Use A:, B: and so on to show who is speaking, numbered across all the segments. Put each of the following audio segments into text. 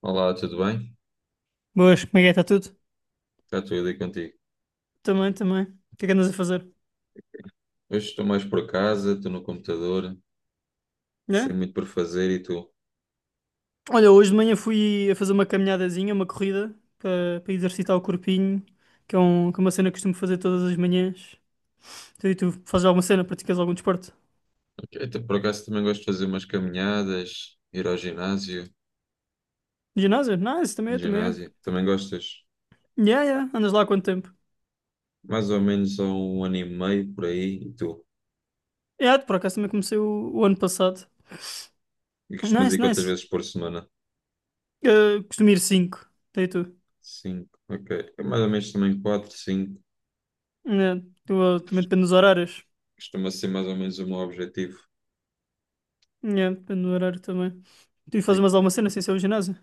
A: Olá, tudo bem?
B: Boas, como é que é? Está tudo?
A: Está tudo aí contigo.
B: Também, também. O que é que andas a fazer?
A: Hoje estou mais por casa, estou no computador, sem
B: Né?
A: muito por fazer e tu?
B: Olha, hoje de manhã fui a fazer uma caminhadazinha, uma corrida, para exercitar o corpinho, que é uma cena que costumo fazer todas as manhãs. E tu fazes alguma cena, praticas algum desporto?
A: Ok, então, por acaso também gosto de fazer umas caminhadas, ir ao ginásio,
B: Ginásio? Nice, também eu, também eu.
A: ginásio. Também gostas?
B: Yeah, yeah, andas lá há quanto tempo?
A: Mais ou menos há um ano e meio por aí e tu?
B: Yeah, por acaso também comecei o ano passado.
A: E costumas
B: Nice,
A: ir quantas
B: nice.
A: vezes por semana?
B: Costumo ir 5, tu e tu.
A: Cinco, ok. É mais ou menos também quatro, cinco.
B: Yeah, também depende dos horários.
A: Costuma ser mais ou menos o meu objetivo.
B: Yeah, depende do horário também. Tu fazes
A: E,
B: mais alguma cena sem ser o ginásio?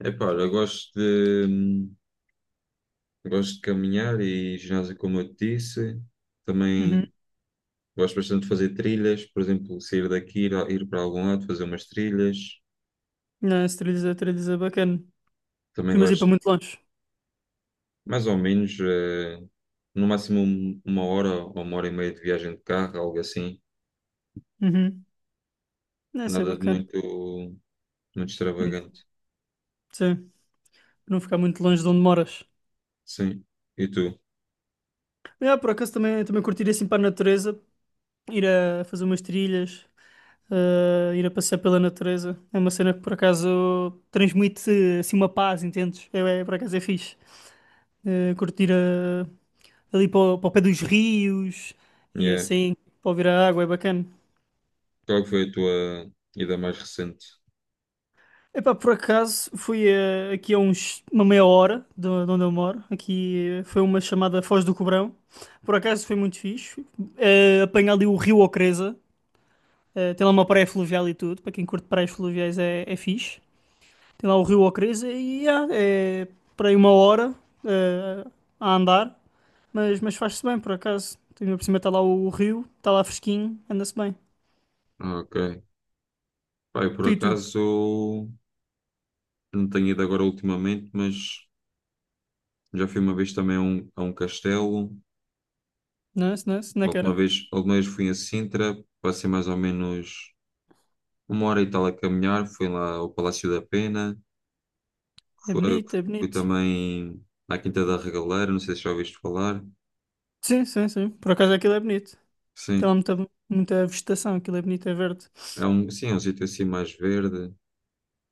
A: epá, olha, eu gosto de caminhar e ginásio como eu te disse.
B: Uhum.
A: Também gosto bastante de fazer trilhas, por exemplo, sair daqui, ir, ir para algum lado, fazer umas trilhas.
B: Não, esse 3 é 3 é bacana.
A: Também
B: Costumas ir para
A: gosto,
B: muito longe.
A: mais ou menos, no máximo uma hora ou uma hora e meia de viagem de carro, algo assim.
B: Uhum. Não, isso é
A: Nada de
B: bacana.
A: muito, muito
B: Muito-
A: extravagante.
B: Sim, não ficar muito longe de onde moras.
A: Sim. E tu?
B: Mas, por acaso também curtir ir assim para a natureza, ir a fazer umas trilhas, ir a passear pela natureza. É uma cena que por acaso transmite assim uma paz, entendes? É, por acaso é fixe. Ah, curtir ali para o pé dos rios e
A: Yeah.
B: assim, para ouvir a água, é bacana.
A: Qual que foi a tua ida mais recente?
B: Epá, por acaso fui aqui uma meia hora de onde eu moro. Aqui foi uma chamada Foz do Cobrão. Por acaso foi muito fixe. Apanhei ali o Rio Ocreza. Tem lá uma praia fluvial e tudo. Para quem curte praias fluviais é fixe. Tem lá o Rio Ocreza e é para aí uma hora eh, a andar. Mas faz-se bem, por acaso. Tem por cima, está lá o rio, está lá fresquinho, anda-se bem.
A: Ah, ok. Pá, eu por
B: Tu e tu.
A: acaso não tenho ido agora ultimamente, mas já fui uma vez também a um castelo.
B: Não é? Não é? Não é que era?
A: A última vez fui a Sintra, passei mais ou menos uma hora e tal a caminhar, fui lá ao Palácio da Pena,
B: É
A: fui,
B: bonito, é
A: fui
B: bonito.
A: também à Quinta da Regaleira, não sei se já ouviste falar.
B: Sim, sim, sim. Por acaso aquilo é bonito. Tem lá
A: Sim,
B: muita, muita vegetação, aquilo é bonito, é verde.
A: sim, é um sítio assim mais verde,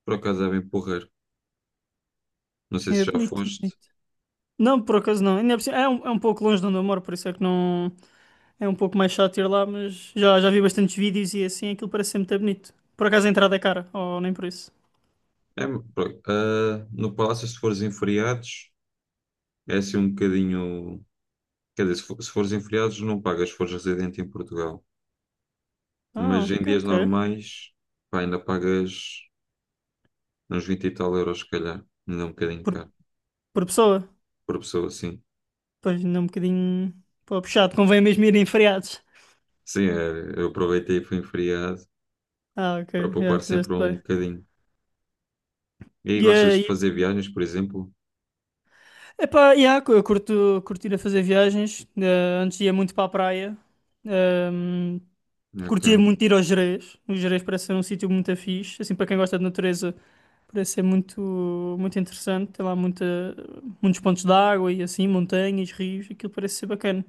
A: por acaso é bem porreiro, não sei se
B: É
A: já
B: bonito, é
A: foste.
B: bonito. Não, por acaso não. Ainda por cima- é um pouco longe de onde eu moro, por isso é que não. É um pouco mais chato ir lá, mas já vi bastantes vídeos e assim, aquilo parece ser muito bonito. Por acaso a entrada é cara, ou nem por isso.
A: É, no Palácio, se fores em feriados, é assim um bocadinho, quer dizer, se fores em feriados não pagas, se fores residente em Portugal,
B: Ah,
A: mas em
B: ok,
A: dias
B: ok.
A: normais, pá, ainda pagas uns 20 e tal euros, se calhar, ainda é um bocadinho
B: Por,
A: caro,
B: por pessoa?
A: por pessoa, assim.
B: Pois ainda é um bocadinho. Pô, puxado, convém mesmo ir em feriados.
A: Sim, eu aproveitei e fui em feriado
B: Ah, ok,
A: para
B: já
A: poupar sempre
B: fizeste
A: um
B: bem.
A: bocadinho. E aí gostas
B: Yeah,
A: de
B: yeah.
A: fazer viagens, por exemplo?
B: Epá, yeah, eu curto ir a fazer viagens. Antes ia muito para a praia. Ehm, Curtia
A: Ok.
B: muito ir aos Gerês. Os Gerês parece ser um sítio muito fixe. Assim, para quem gosta de natureza, parece ser muito, muito interessante. Tem lá muitos pontos de água e assim, montanhas, rios. Aquilo parece ser bacana.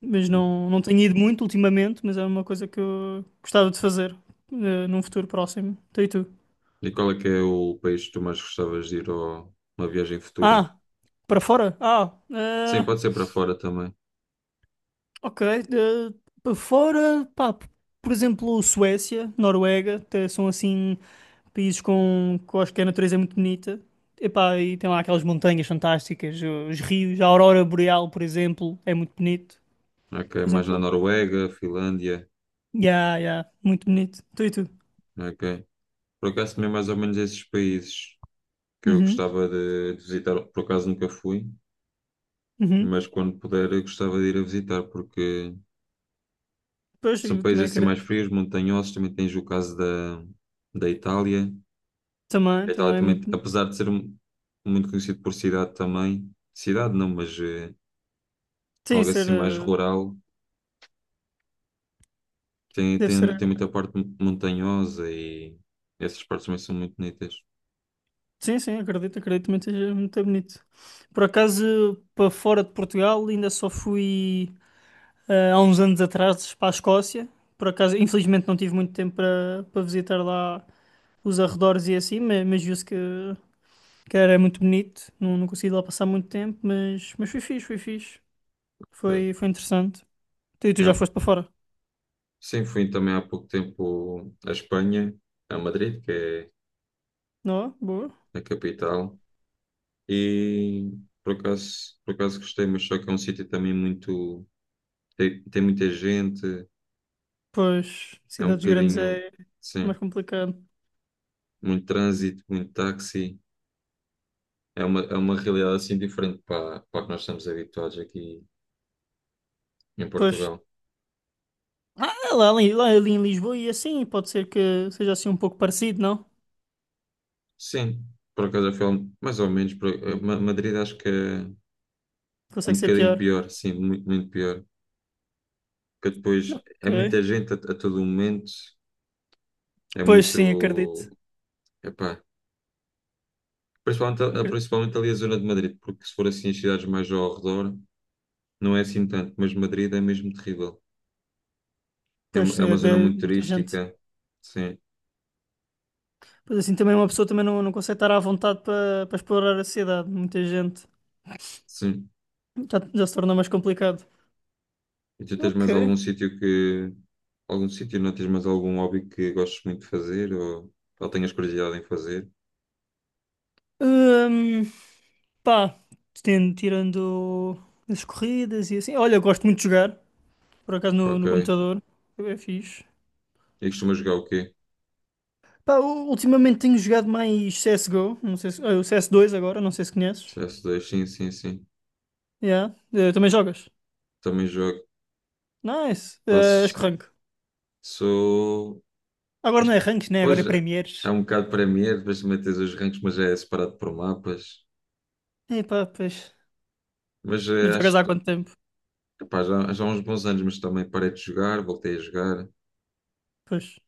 B: Mas não tenho ido muito ultimamente, mas é uma coisa que eu gostava de fazer num futuro próximo. Então, e tu?
A: E qual é que é o país que tu mais gostavas de ir a uma viagem futura?
B: Ah, para fora?
A: Sim, pode ser para fora também.
B: Ok. eh, Para fora, pá, por exemplo, Suécia, Noruega, até são assim. Países que eu acho que a natureza é muito bonita. Epá, e tem lá aquelas montanhas fantásticas, os rios, a aurora boreal, por exemplo, é muito bonito.
A: Ok.
B: Por
A: Mais na
B: exemplo,
A: Noruega, Finlândia.
B: yeah, yeah, muito bonito. Tu e tu?
A: Ok. Por acaso também mais ou menos esses países que eu
B: Uhum,
A: gostava de visitar. Por acaso nunca fui,
B: uhum.
A: mas quando puder eu gostava de ir a visitar porque
B: Pois,
A: são
B: eu também
A: países assim mais
B: acredito.
A: frios, montanhosos. Também tens o caso da, da Itália.
B: Também,
A: A Itália
B: também é
A: também,
B: muito.
A: apesar de ser muito conhecido por cidade também, cidade não, mas
B: Sim,
A: algo assim mais rural,
B: deve ser.
A: tem muita parte montanhosa e essas partes também são muito bonitas.
B: Sim, sim, acredito também que seja muito bonito. Por acaso, para fora de Portugal, ainda só fui há uns anos atrás para a Escócia. Por acaso, infelizmente, não tive muito tempo para visitar lá os arredores e assim, mas, viu-se que era muito bonito. Não consegui lá passar muito tempo, mas foi fixe, foi fixe. Foi,
A: É.
B: foi interessante. Tu
A: É,
B: já
A: um,
B: foste para fora?
A: sim, fui também há pouco tempo à Espanha, a Madrid, que
B: Não? É? Boa.
A: é a capital, e por acaso gostei, mas só que é um sítio também muito. Tem, tem muita gente,
B: Pois,
A: é um
B: cidades grandes
A: bocadinho,
B: é
A: sim,
B: mais complicado.
A: muito trânsito, muito táxi. É uma realidade assim diferente para, para a que nós estamos habituados aqui em
B: Pois,
A: Portugal.
B: lá ali em Lisboa e assim, pode ser que seja assim um pouco parecido, não?
A: Sim, por acaso já foi mais ou menos. Por, Madrid acho que é
B: Consegue
A: um
B: ser
A: bocadinho
B: pior.
A: pior, sim, muito, muito pior. Porque depois é
B: Ok.
A: muita gente a todo momento, é
B: Pois sim, acredito.
A: muito. Epá, principalmente,
B: Acre-
A: principalmente ali a zona de Madrid, porque se for assim as cidades mais ao redor, não é assim tanto, mas Madrid é mesmo terrível. É,
B: Pois
A: é
B: sim,
A: uma
B: é
A: zona
B: de
A: muito
B: muita gente.
A: turística, sim,
B: Pois assim, também uma pessoa também não consegue estar à vontade para explorar a cidade. Muita gente.
A: sim.
B: Já se tornou mais complicado.
A: E tu tens
B: Ok.
A: mais algum sítio que. Algum sítio, não tens mais algum hobby que gostes muito de fazer ou tenhas curiosidade em fazer?
B: Hum, Pá, tirando as corridas e assim. Olha, eu gosto muito de jogar, por acaso no
A: Ok.
B: computador. É fixe.
A: E costumas jogar o quê?
B: Pá, ultimamente tenho jogado mais CSGO, não sei se, o CS2 agora, não sei se conheces.
A: CS2, sim, sim, sim.
B: Yeah. Também jogas?
A: Também jogo.
B: Nice. És
A: Passo.
B: que rank?
A: Sou.
B: Agora não é
A: Acho que.
B: ranks, né? Agora é
A: Pois é, é
B: Premiers.
A: um bocado Premier, depois também tens os ranks, mas é separado por mapas.
B: E pois.
A: Mas
B: Mas jogas
A: acho.
B: há
A: Que-
B: quanto tempo?
A: Epá, já, já há uns bons anos, mas também parei de jogar, voltei a jogar.
B: Pois.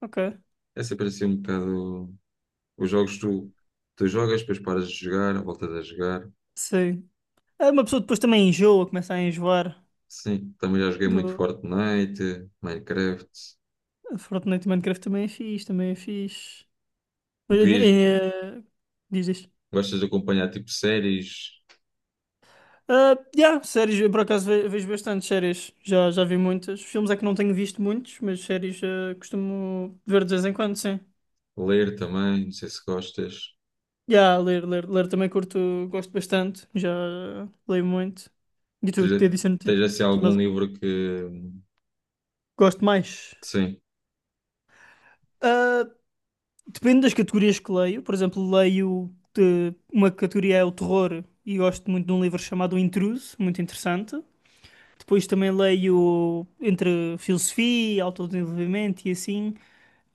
B: Ok.
A: É sempre assim um bocado. Os jogos tu, tu jogas, depois paras de jogar, voltas a jogar.
B: Sim. Ah, uma pessoa depois também enjoa, começa a enjoar.
A: Sim, também já joguei muito Fortnite, Minecraft.
B: Fortnite e Minecraft também é fixe, também é fixe.
A: Vi,
B: Eh, eh, Diz isto.
A: gostas de acompanhar tipo séries,
B: Ah, yeah, séries, eu por acaso vejo bastante séries, já vi muitas. Filmes é que não tenho visto muitos, mas séries costumo ver de vez em quando, sim.
A: ler também, não sei se gostas.
B: Yeah, ler também curto, gosto bastante, já leio muito. E tu, te
A: Tens,
B: disse,
A: tens assim algum
B: mas
A: livro que.
B: gosto mais.
A: Sim,
B: Ah, depende das categorias que leio, por exemplo, uma categoria é o terror e gosto muito de um livro chamado O Intruso, muito interessante. Depois também leio entre filosofia, autodesenvolvimento e assim.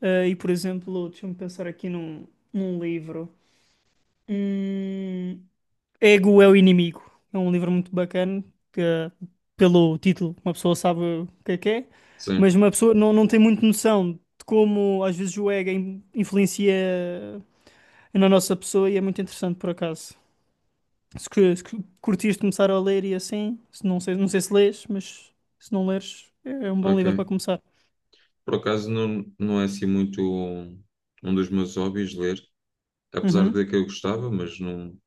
B: Ah, e, por exemplo, deixa-me pensar aqui num livro. Hum, Ego é o Inimigo. É um livro muito bacana, que pelo título uma pessoa sabe o que é,
A: sim,
B: mas uma pessoa não tem muito noção de como às vezes o ego influencia na nossa pessoa e é muito interessante por acaso. Se curtires começar a ler e assim, se não sei, não sei se lês, mas se não leres, é um bom
A: ok.
B: livro para começar.
A: Por acaso não, não é assim muito um, um dos meus hobbies ler, apesar
B: Uhum.
A: de que eu gostava, mas não,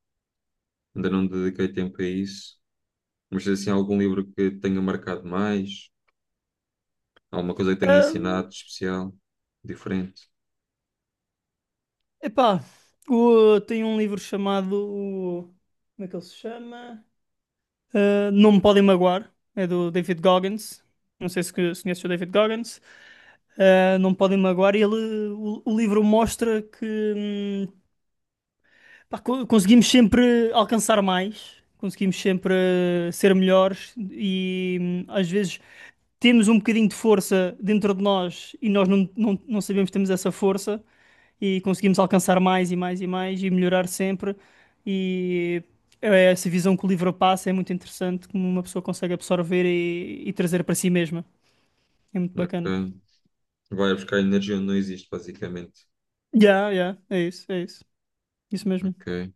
A: ainda não dediquei tempo a isso. Mas tens assim algum livro que tenha marcado mais, alguma coisa que tenha
B: Ahm,
A: ensinado de especial, diferente.
B: Epá, tem um livro chamado. Como é que ele se chama? Ah, Não Me Podem Magoar. É do David Goggins. Não sei se conheces o David Goggins. Ah, Não Me Podem Magoar. E ele, o livro mostra que. hum, Pá, conseguimos sempre alcançar mais, conseguimos sempre ser melhores e às vezes temos um bocadinho de força dentro de nós e nós não sabemos que temos essa força e conseguimos alcançar mais e mais e mais e melhorar sempre. E essa visão que o livro passa é muito interessante, como uma pessoa consegue absorver e trazer para si mesma. É muito bacana.
A: Ok? Vai buscar energia onde não existe, basicamente.
B: Yeah, yeah, é isso, é isso. Isso mesmo.
A: Ok.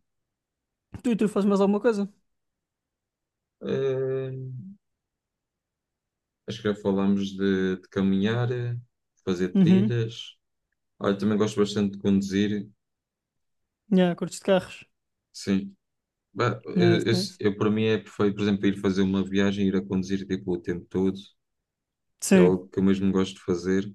B: Tu e tu fazes mais alguma coisa?
A: Eh, Acho que já falámos de caminhar, fazer
B: Uhum.
A: trilhas. Olha, também gosto bastante de conduzir.
B: Yeah, curtes de carros.
A: Sim. Bah,
B: Nice, nice.
A: eu, para mim é perfeito, por exemplo, ir fazer uma viagem, ir a conduzir tipo, o tempo todo. É
B: Sim,
A: algo que eu mesmo gosto de fazer.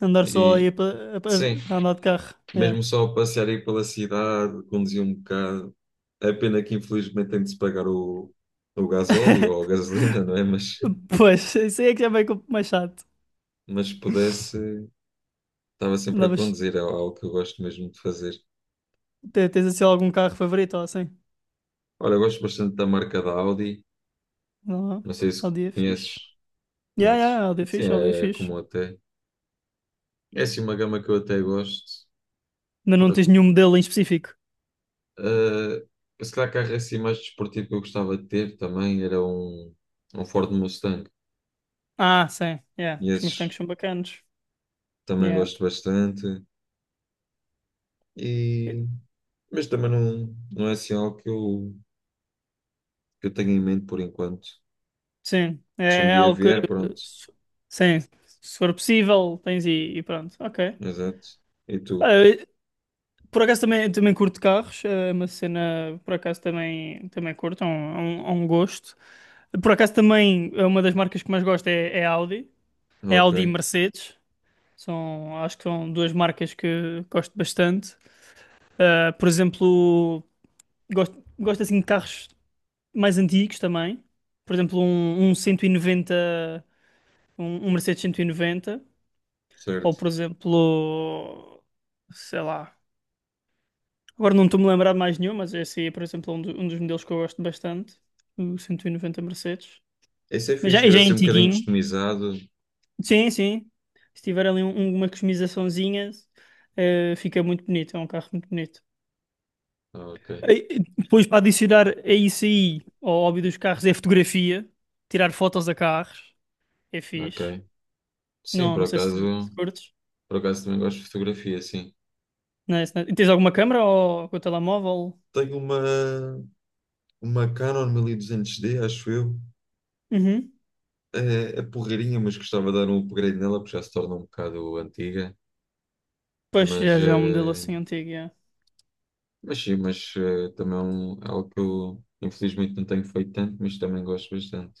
B: andar só
A: E
B: aí pa-
A: sim,
B: a, a andar de carro. Yeah.
A: mesmo só passear aí pela cidade, conduzir um bocado. É pena que infelizmente tem de se pagar o gasóleo ou a gasolina, não é?
B: Pois, isso aí é que já vem mais chato.
A: Mas se pudesse. Estava sempre a
B: Andavas,
A: conduzir, é algo que eu gosto mesmo de fazer.
B: tens assim algum carro favorito ou assim?
A: Olha, eu gosto bastante da marca da Audi,
B: Não,
A: não sei se
B: Audi é
A: conheces,
B: fixe. Yeah, yeah,
A: conheces.
B: Audi é
A: Sim,
B: fixe, Audi é
A: é, é
B: fixe.
A: comum até. É assim uma gama que eu até gosto.
B: Mas não tens
A: Pronto,
B: nenhum modelo em específico.
A: se calhar carro assim mais desportivo que eu gostava de ter também era um, um Ford Mustang.
B: Ah, sim, yeah.
A: E
B: Os Mustangs
A: esses
B: são bacanos.
A: também
B: Yeah.
A: gosto bastante. E, mas também não, não é assim algo que eu tenho em mente por enquanto.
B: Sim, é
A: Se um
B: é
A: dia
B: algo que,
A: vier, pronto.
B: se- sim, se for possível, tens e pronto. Ok.
A: Exato. E tu?
B: Por acaso também curto carros, é uma cena, por acaso também curto, é um gosto. Por acaso também, é uma das marcas que mais gosto é Audi, é
A: Ok,
B: Audi e Mercedes, acho que são duas marcas que gosto bastante. Ah, por exemplo, gosto assim de carros mais antigos também, por exemplo um 190, um Mercedes 190 ou
A: certo.
B: por exemplo, sei lá, agora não estou-me a lembrar de mais nenhum, mas esse aí é, por exemplo, um dos modelos que eu gosto bastante, o 190 Mercedes.
A: Esse é
B: Mas
A: fixe,
B: já,
A: ver
B: já é
A: assim um bocadinho
B: antiguinho.
A: customizado.
B: Sim, sim. Se tiver ali uma customizaçãozinha, fica muito bonito, é um carro muito bonito.
A: Ah, ok,
B: E- Depois, para adicionar a isso aí, ao hobby dos carros, é fotografia. Tirar fotos a carros, é fixe.
A: ok. Sim,
B: Não, não sei se, se curtes.
A: por acaso também gosto de fotografia, sim.
B: Não é, se não- é? E tens alguma câmera ou com o telemóvel?
A: Tenho uma Canon 1200D acho eu.
B: Uhum.
A: É, é porreirinha, mas gostava de dar um upgrade nela, porque já se torna um bocado antiga.
B: Pois
A: Mas,
B: já é um modelo assim antigo, já.
A: mas sim, mas também é é algo que eu infelizmente não tenho feito tanto, mas também gosto bastante.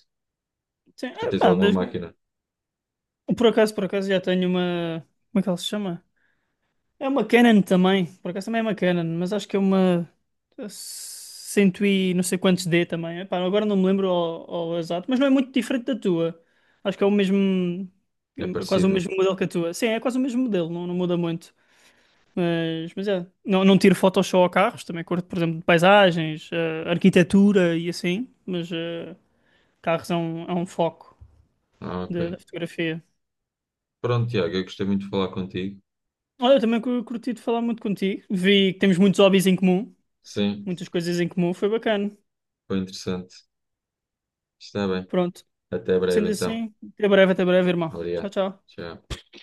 B: Sim,
A: Tu tens
B: pá,
A: alguma máquina?
B: Por acaso já tenho uma. Como é que ela se chama? É uma Canon também. Por acaso também é uma Canon, mas acho que é uma. Cento e não sei quantos D também. Epá, agora não me lembro ao exato, mas não é muito diferente da tua. Acho que é o mesmo.
A: É
B: É quase o
A: parecido?
B: mesmo modelo que a tua. Sim, é quase o mesmo modelo, não, não muda muito. Mas é. Não, não tiro fotos só a carros, também curto, por exemplo, de paisagens, arquitetura e assim. Mas carros é um foco
A: Ah, ok.
B: da fotografia.
A: Pronto, Tiago, eu gostei muito de falar contigo.
B: Olha, eu também curti de falar muito contigo. Vi que temos muitos hobbies em comum,
A: Sim,
B: muitas coisas em comum, foi bacana.
A: foi interessante. Está bem.
B: Pronto,
A: Até breve,
B: sendo
A: então.
B: assim, até breve, irmão. Tchau,
A: Obrigado.
B: tchau.
A: Tchau.